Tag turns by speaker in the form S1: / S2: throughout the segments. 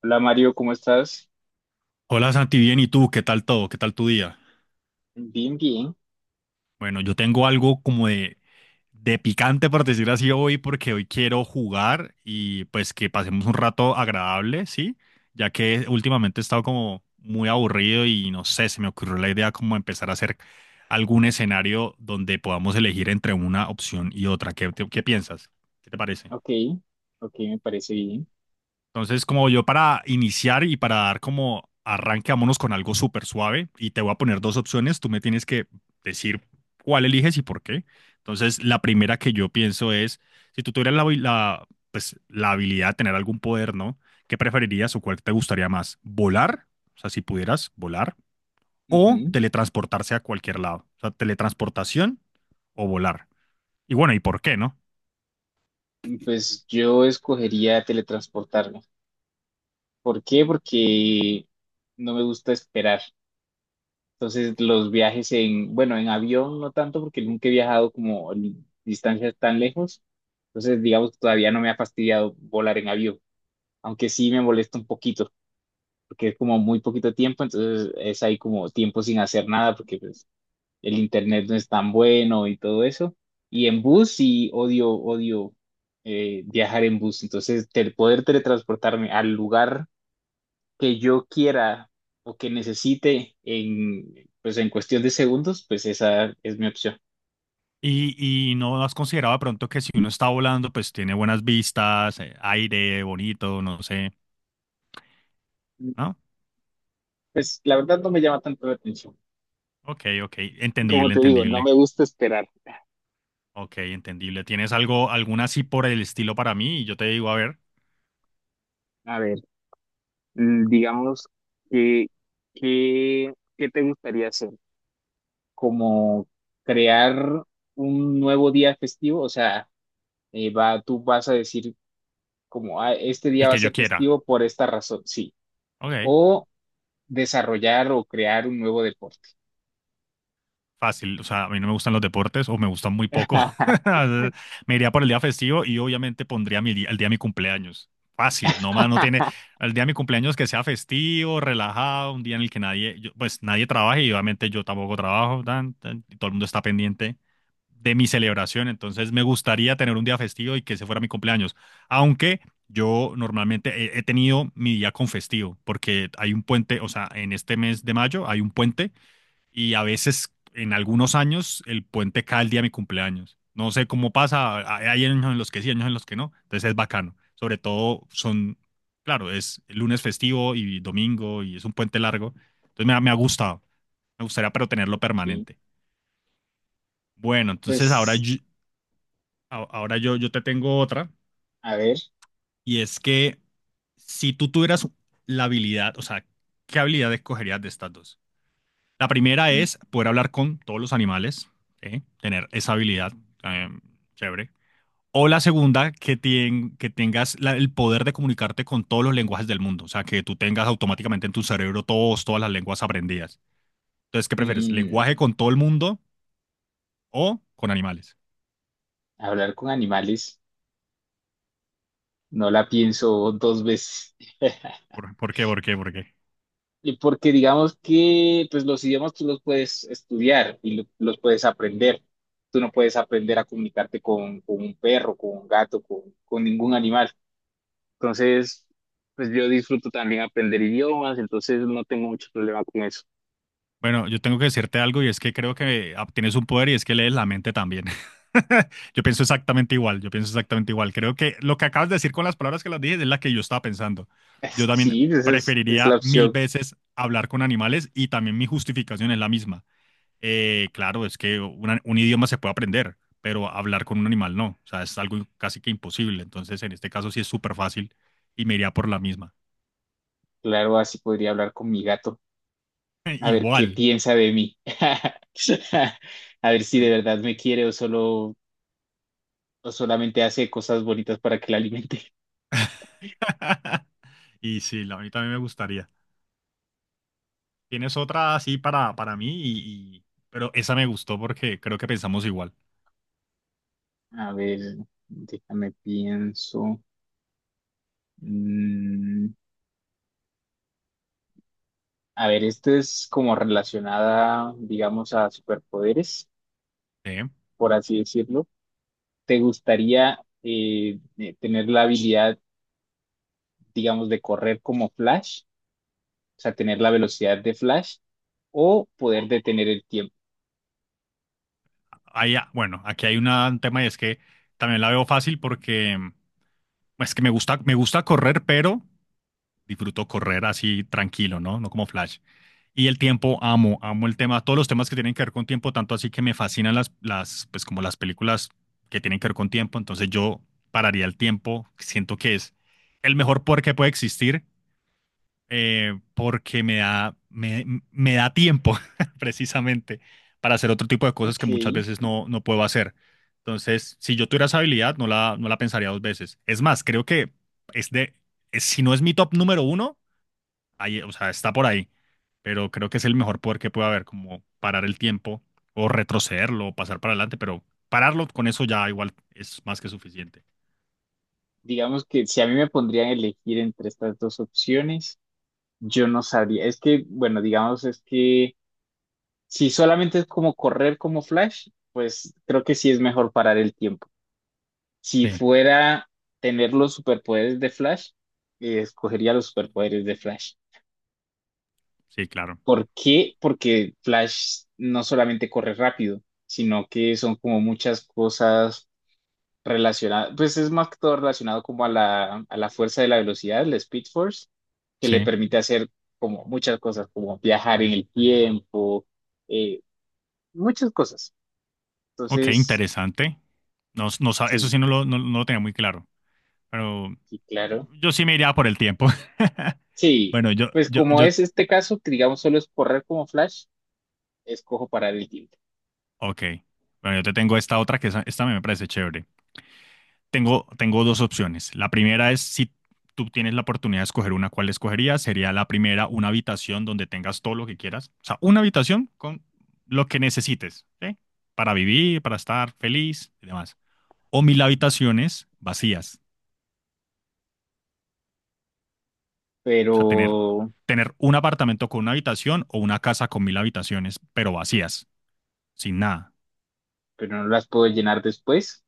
S1: Hola Mario, ¿cómo estás?
S2: Hola Santi, bien, ¿y tú? ¿Qué tal todo? ¿Qué tal tu día?
S1: Bien, bien.
S2: Bueno, yo tengo algo como de picante, por decir así, hoy, porque hoy quiero jugar y pues que pasemos un rato agradable, ¿sí? Ya que últimamente he estado como muy aburrido y no sé, se me ocurrió la idea como empezar a hacer algún escenario donde podamos elegir entre una opción y otra. ¿Qué piensas? ¿Qué te parece?
S1: Ok, ok, me parece bien.
S2: Entonces, como yo para iniciar y para dar como arranque, vámonos con algo súper suave y te voy a poner dos opciones. Tú me tienes que decir cuál eliges y por qué. Entonces, la primera que yo pienso es, si tú tuvieras pues, la habilidad de tener algún poder, ¿no? ¿Qué preferirías o cuál te gustaría más? ¿Volar? O sea, si pudieras volar o
S1: Ujú.
S2: teletransportarse a cualquier lado. O sea, teletransportación o volar. Y bueno, ¿y por qué, no?
S1: Pues yo escogería teletransportarme. ¿Por qué? Porque no me gusta esperar. Entonces los viajes en, bueno, en avión no tanto porque nunca he viajado como en distancias tan lejos. Entonces digamos que todavía no me ha fastidiado volar en avión, aunque sí me molesta un poquito porque es como muy poquito tiempo, entonces es ahí como tiempo sin hacer nada porque pues, el internet no es tan bueno y todo eso. Y en bus sí odio, odio viajar en bus. Entonces, el poder teletransportarme al lugar que yo quiera o que necesite en, pues, en cuestión de segundos, pues esa es mi opción.
S2: Y, no has considerado de pronto que si uno está volando, pues tiene buenas vistas, aire bonito, no sé, ¿no?
S1: Pues la verdad no me llama tanto la atención.
S2: Ok, ok,
S1: Como
S2: entendible,
S1: te digo, no
S2: entendible.
S1: me gusta esperar.
S2: Ok, entendible. ¿Tienes algo, alguna así por el estilo para mí? Y yo te digo, a ver,
S1: A ver, digamos que, que, ¿qué te gustaría hacer? Como crear un nuevo día festivo, o sea, va, tú vas a decir como, "Ah, este día
S2: el
S1: va a
S2: que yo
S1: ser
S2: quiera.
S1: festivo por esta razón, sí."
S2: Ok.
S1: O desarrollar o crear un nuevo deporte.
S2: Fácil, o sea, a mí no me gustan los deportes o me gustan muy poco. Me iría por el día festivo y obviamente pondría mi día- el día de mi cumpleaños. Fácil, no más, no tiene el día de mi cumpleaños que sea festivo, relajado, un día en el que nadie, yo- pues nadie trabaje y obviamente yo tampoco trabajo, tan, tan, y todo el mundo está pendiente de mi celebración, entonces me gustaría tener un día festivo y que ese fuera mi cumpleaños, aunque yo normalmente he tenido mi día con festivo, porque hay un puente, o sea, en este mes de mayo hay un puente y a veces en algunos años el puente cae el día de mi cumpleaños. No sé cómo pasa, hay años en los que sí, años en los que no, entonces es bacano. Sobre todo son, claro, es lunes festivo y domingo y es un puente largo, entonces me ha gustado, me gustaría pero tenerlo
S1: Sí.
S2: permanente. Bueno, entonces ahora
S1: Pues,
S2: yo, a- ahora yo, yo te tengo otra
S1: a ver,
S2: y es que si tú tuvieras la habilidad, o sea, ¿qué habilidad escogerías de estas dos? La primera
S1: ujú.
S2: es poder hablar con todos los animales, ¿sí? Tener esa habilidad eh, chévere. O la segunda, que tengas la- el poder de comunicarte con todos los lenguajes del mundo, o sea, que tú tengas automáticamente en tu cerebro todas las lenguas aprendidas. Entonces, ¿qué prefieres?
S1: Mm,
S2: ¿Lenguaje con todo el mundo o con animales?
S1: hablar con animales, no la pienso dos veces.
S2: ¿Por qué? ¿Por qué? ¿Por qué?
S1: Y porque digamos que pues los idiomas tú los puedes estudiar y los puedes aprender. Tú no puedes aprender a comunicarte con un perro, con un gato, con ningún animal. Entonces, pues yo disfruto también aprender idiomas, entonces no tengo mucho problema con eso.
S2: Bueno, yo tengo que decirte algo y es que creo que tienes un poder y es que lees la mente también. Yo pienso exactamente igual, yo pienso exactamente igual. Creo que lo que acabas de decir con las palabras que las dije es la que yo estaba pensando. Yo
S1: Sí,
S2: también
S1: esa es la
S2: preferiría mil
S1: opción.
S2: veces hablar con animales y también mi justificación es la misma. Claro, es que una- un idioma se puede aprender, pero hablar con un animal no. O sea, es algo casi que imposible. Entonces, en este caso sí es súper fácil y me iría por la misma.
S1: Claro, así podría hablar con mi gato, a ver qué
S2: Igual.
S1: piensa de mí. A ver si de verdad me quiere o solo o solamente hace cosas bonitas para que la alimente.
S2: Y sí, la- a mí también me gustaría. Tienes otra así para mí, y- pero esa me gustó porque creo que pensamos igual.
S1: A ver, déjame pienso. Mm, a ver, esto es como relacionada, digamos, a superpoderes,
S2: ¿Eh?
S1: por así decirlo. ¿Te gustaría tener la habilidad, digamos, de correr como Flash? O sea, tener la velocidad de Flash o poder detener el tiempo.
S2: Ahí, bueno, aquí hay una- un tema y es que también la veo fácil porque es que me gusta correr, pero disfruto correr así tranquilo, ¿no? No como Flash. Y el tiempo, amo, amo el tema, todos los temas que tienen que ver con tiempo, tanto así que me fascinan las, pues como las películas que tienen que ver con tiempo. Entonces yo pararía el tiempo, siento que es el mejor poder que puede existir porque me da tiempo precisamente para hacer otro tipo de cosas que
S1: Ok,
S2: muchas veces no puedo hacer. Entonces, si yo tuviera esa habilidad, no la pensaría dos veces. Es más, creo que es de, es- si no es mi top número uno, ahí, o sea, está por ahí, pero creo que es el mejor poder que puede haber, como parar el tiempo o retrocederlo o pasar para adelante, pero pararlo con eso ya igual es más que suficiente.
S1: digamos que si a mí me pondrían a elegir entre estas dos opciones, yo no sabría. Es que, bueno, digamos, es que si solamente es como correr como Flash, pues creo que sí es mejor parar el tiempo. Si
S2: Sí,
S1: fuera tener los superpoderes de Flash, escogería los superpoderes de Flash.
S2: sí, claro.
S1: ¿Por qué? Porque Flash no solamente corre rápido, sino que son como muchas cosas relacionadas, pues es más que todo relacionado como a la fuerza de la velocidad, la Speed Force, que le
S2: Sí.
S1: permite hacer como muchas cosas, como viajar en el tiempo, eh, muchas cosas.
S2: Ok,
S1: Entonces,
S2: interesante. Eso
S1: sí,
S2: sí no lo, no- no lo tenía muy claro, pero
S1: sí, claro.
S2: yo sí me iría por el tiempo.
S1: Sí,
S2: Bueno,
S1: pues como es este caso, que digamos solo es correr como Flash, escojo parar el tiempo,
S2: ok. Bueno, yo te tengo esta otra que esa- esta me parece chévere. Tengo dos opciones. La primera es si tú tienes la oportunidad de escoger una, ¿cuál escogerías? Sería la primera, una habitación donde tengas todo lo que quieras. O sea, una habitación con lo que necesites, ¿sí? Para vivir, para estar feliz y demás. O mil habitaciones vacías. O sea,
S1: pero,
S2: tener un apartamento con una habitación o una casa con mil habitaciones, pero vacías, sin nada.
S1: pero no las puedo llenar después.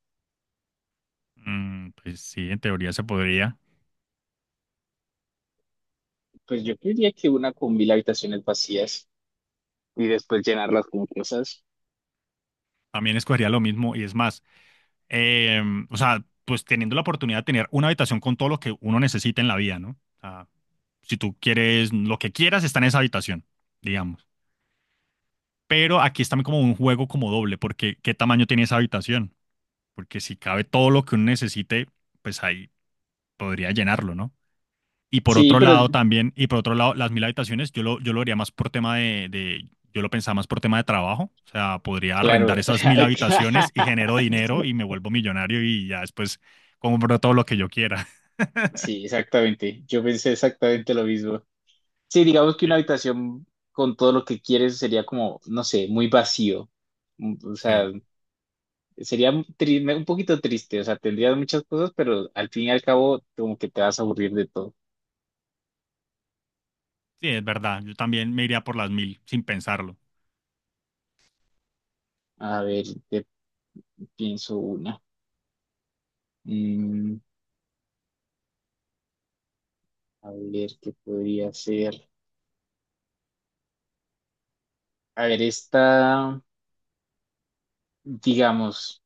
S2: Mm, pues sí, en teoría se podría.
S1: Pues yo creería que una con mil habitaciones vacías y después llenarlas con cosas.
S2: También escogería lo mismo y es más, eh, o sea, pues teniendo la oportunidad de tener una habitación con todo lo que uno necesita en la vida, ¿no? O sea, si tú quieres lo que quieras, está en esa habitación, digamos. Pero aquí está como un juego como doble, porque ¿qué tamaño tiene esa habitación? Porque si cabe todo lo que uno necesite, pues ahí podría llenarlo, ¿no? Y por
S1: Sí,
S2: otro
S1: pero
S2: lado también, y por otro lado, las mil habitaciones, yo lo haría más por tema yo lo pensaba más por tema de trabajo. O sea, podría arrendar
S1: claro.
S2: esas mil habitaciones y genero dinero y me vuelvo millonario y ya después compro todo lo que yo quiera.
S1: Sí, exactamente. Yo pensé exactamente lo mismo. Sí, digamos que una
S2: Eh,
S1: habitación con todo lo que quieres sería como, no sé, muy vacío. Mm, o sea,
S2: Sí,
S1: sería un un poquito triste. O sea, tendrías muchas cosas, pero al fin y al cabo, como que te vas a aburrir de todo.
S2: sí, es verdad. Yo también me iría por las mil sin pensarlo.
S1: A ver, te pienso una. Mm, a ver, ¿qué podría ser? A ver, esta. Digamos,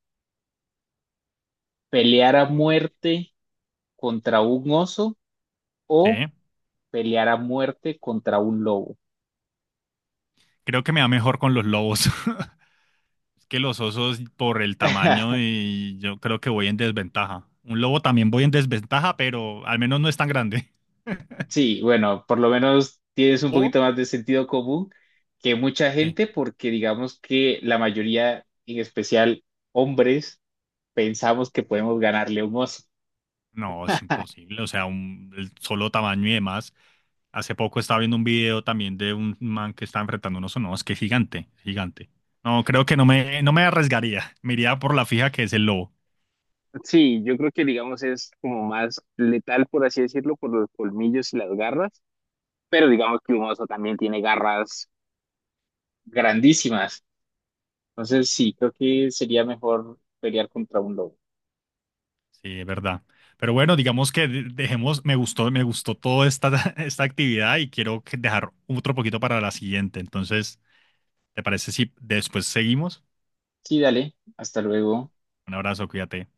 S1: pelear a muerte contra un oso
S2: Sí,
S1: o pelear a muerte contra un lobo.
S2: creo que me va mejor con los lobos. Es que los osos por el tamaño y yo creo que voy en desventaja. Un lobo también voy en desventaja, pero al menos no es tan grande.
S1: Sí, bueno, por lo menos tienes un
S2: O,
S1: poquito más de sentido común que mucha
S2: sí.
S1: gente, porque digamos que la mayoría, en especial hombres, pensamos que podemos ganarle a un oso.
S2: No, es imposible. O sea, un, el solo tamaño y demás. Hace poco estaba viendo un video también de un man que estaba enfrentando unos oso. No, es que es gigante, gigante. No, creo que no me arriesgaría. Me iría por la fija que es el lobo.
S1: Sí, yo creo que digamos es como más letal, por así decirlo, por los colmillos y las garras, pero digamos que un oso también tiene garras grandísimas. Entonces, sí, creo que sería mejor pelear contra un lobo.
S2: Sí, es verdad. Pero bueno, digamos que de- dejemos, me gustó toda esta, esta actividad y quiero que- dejar otro poquito para la siguiente. Entonces, ¿te parece si después seguimos?
S1: Sí, dale, hasta luego.
S2: Un abrazo, cuídate.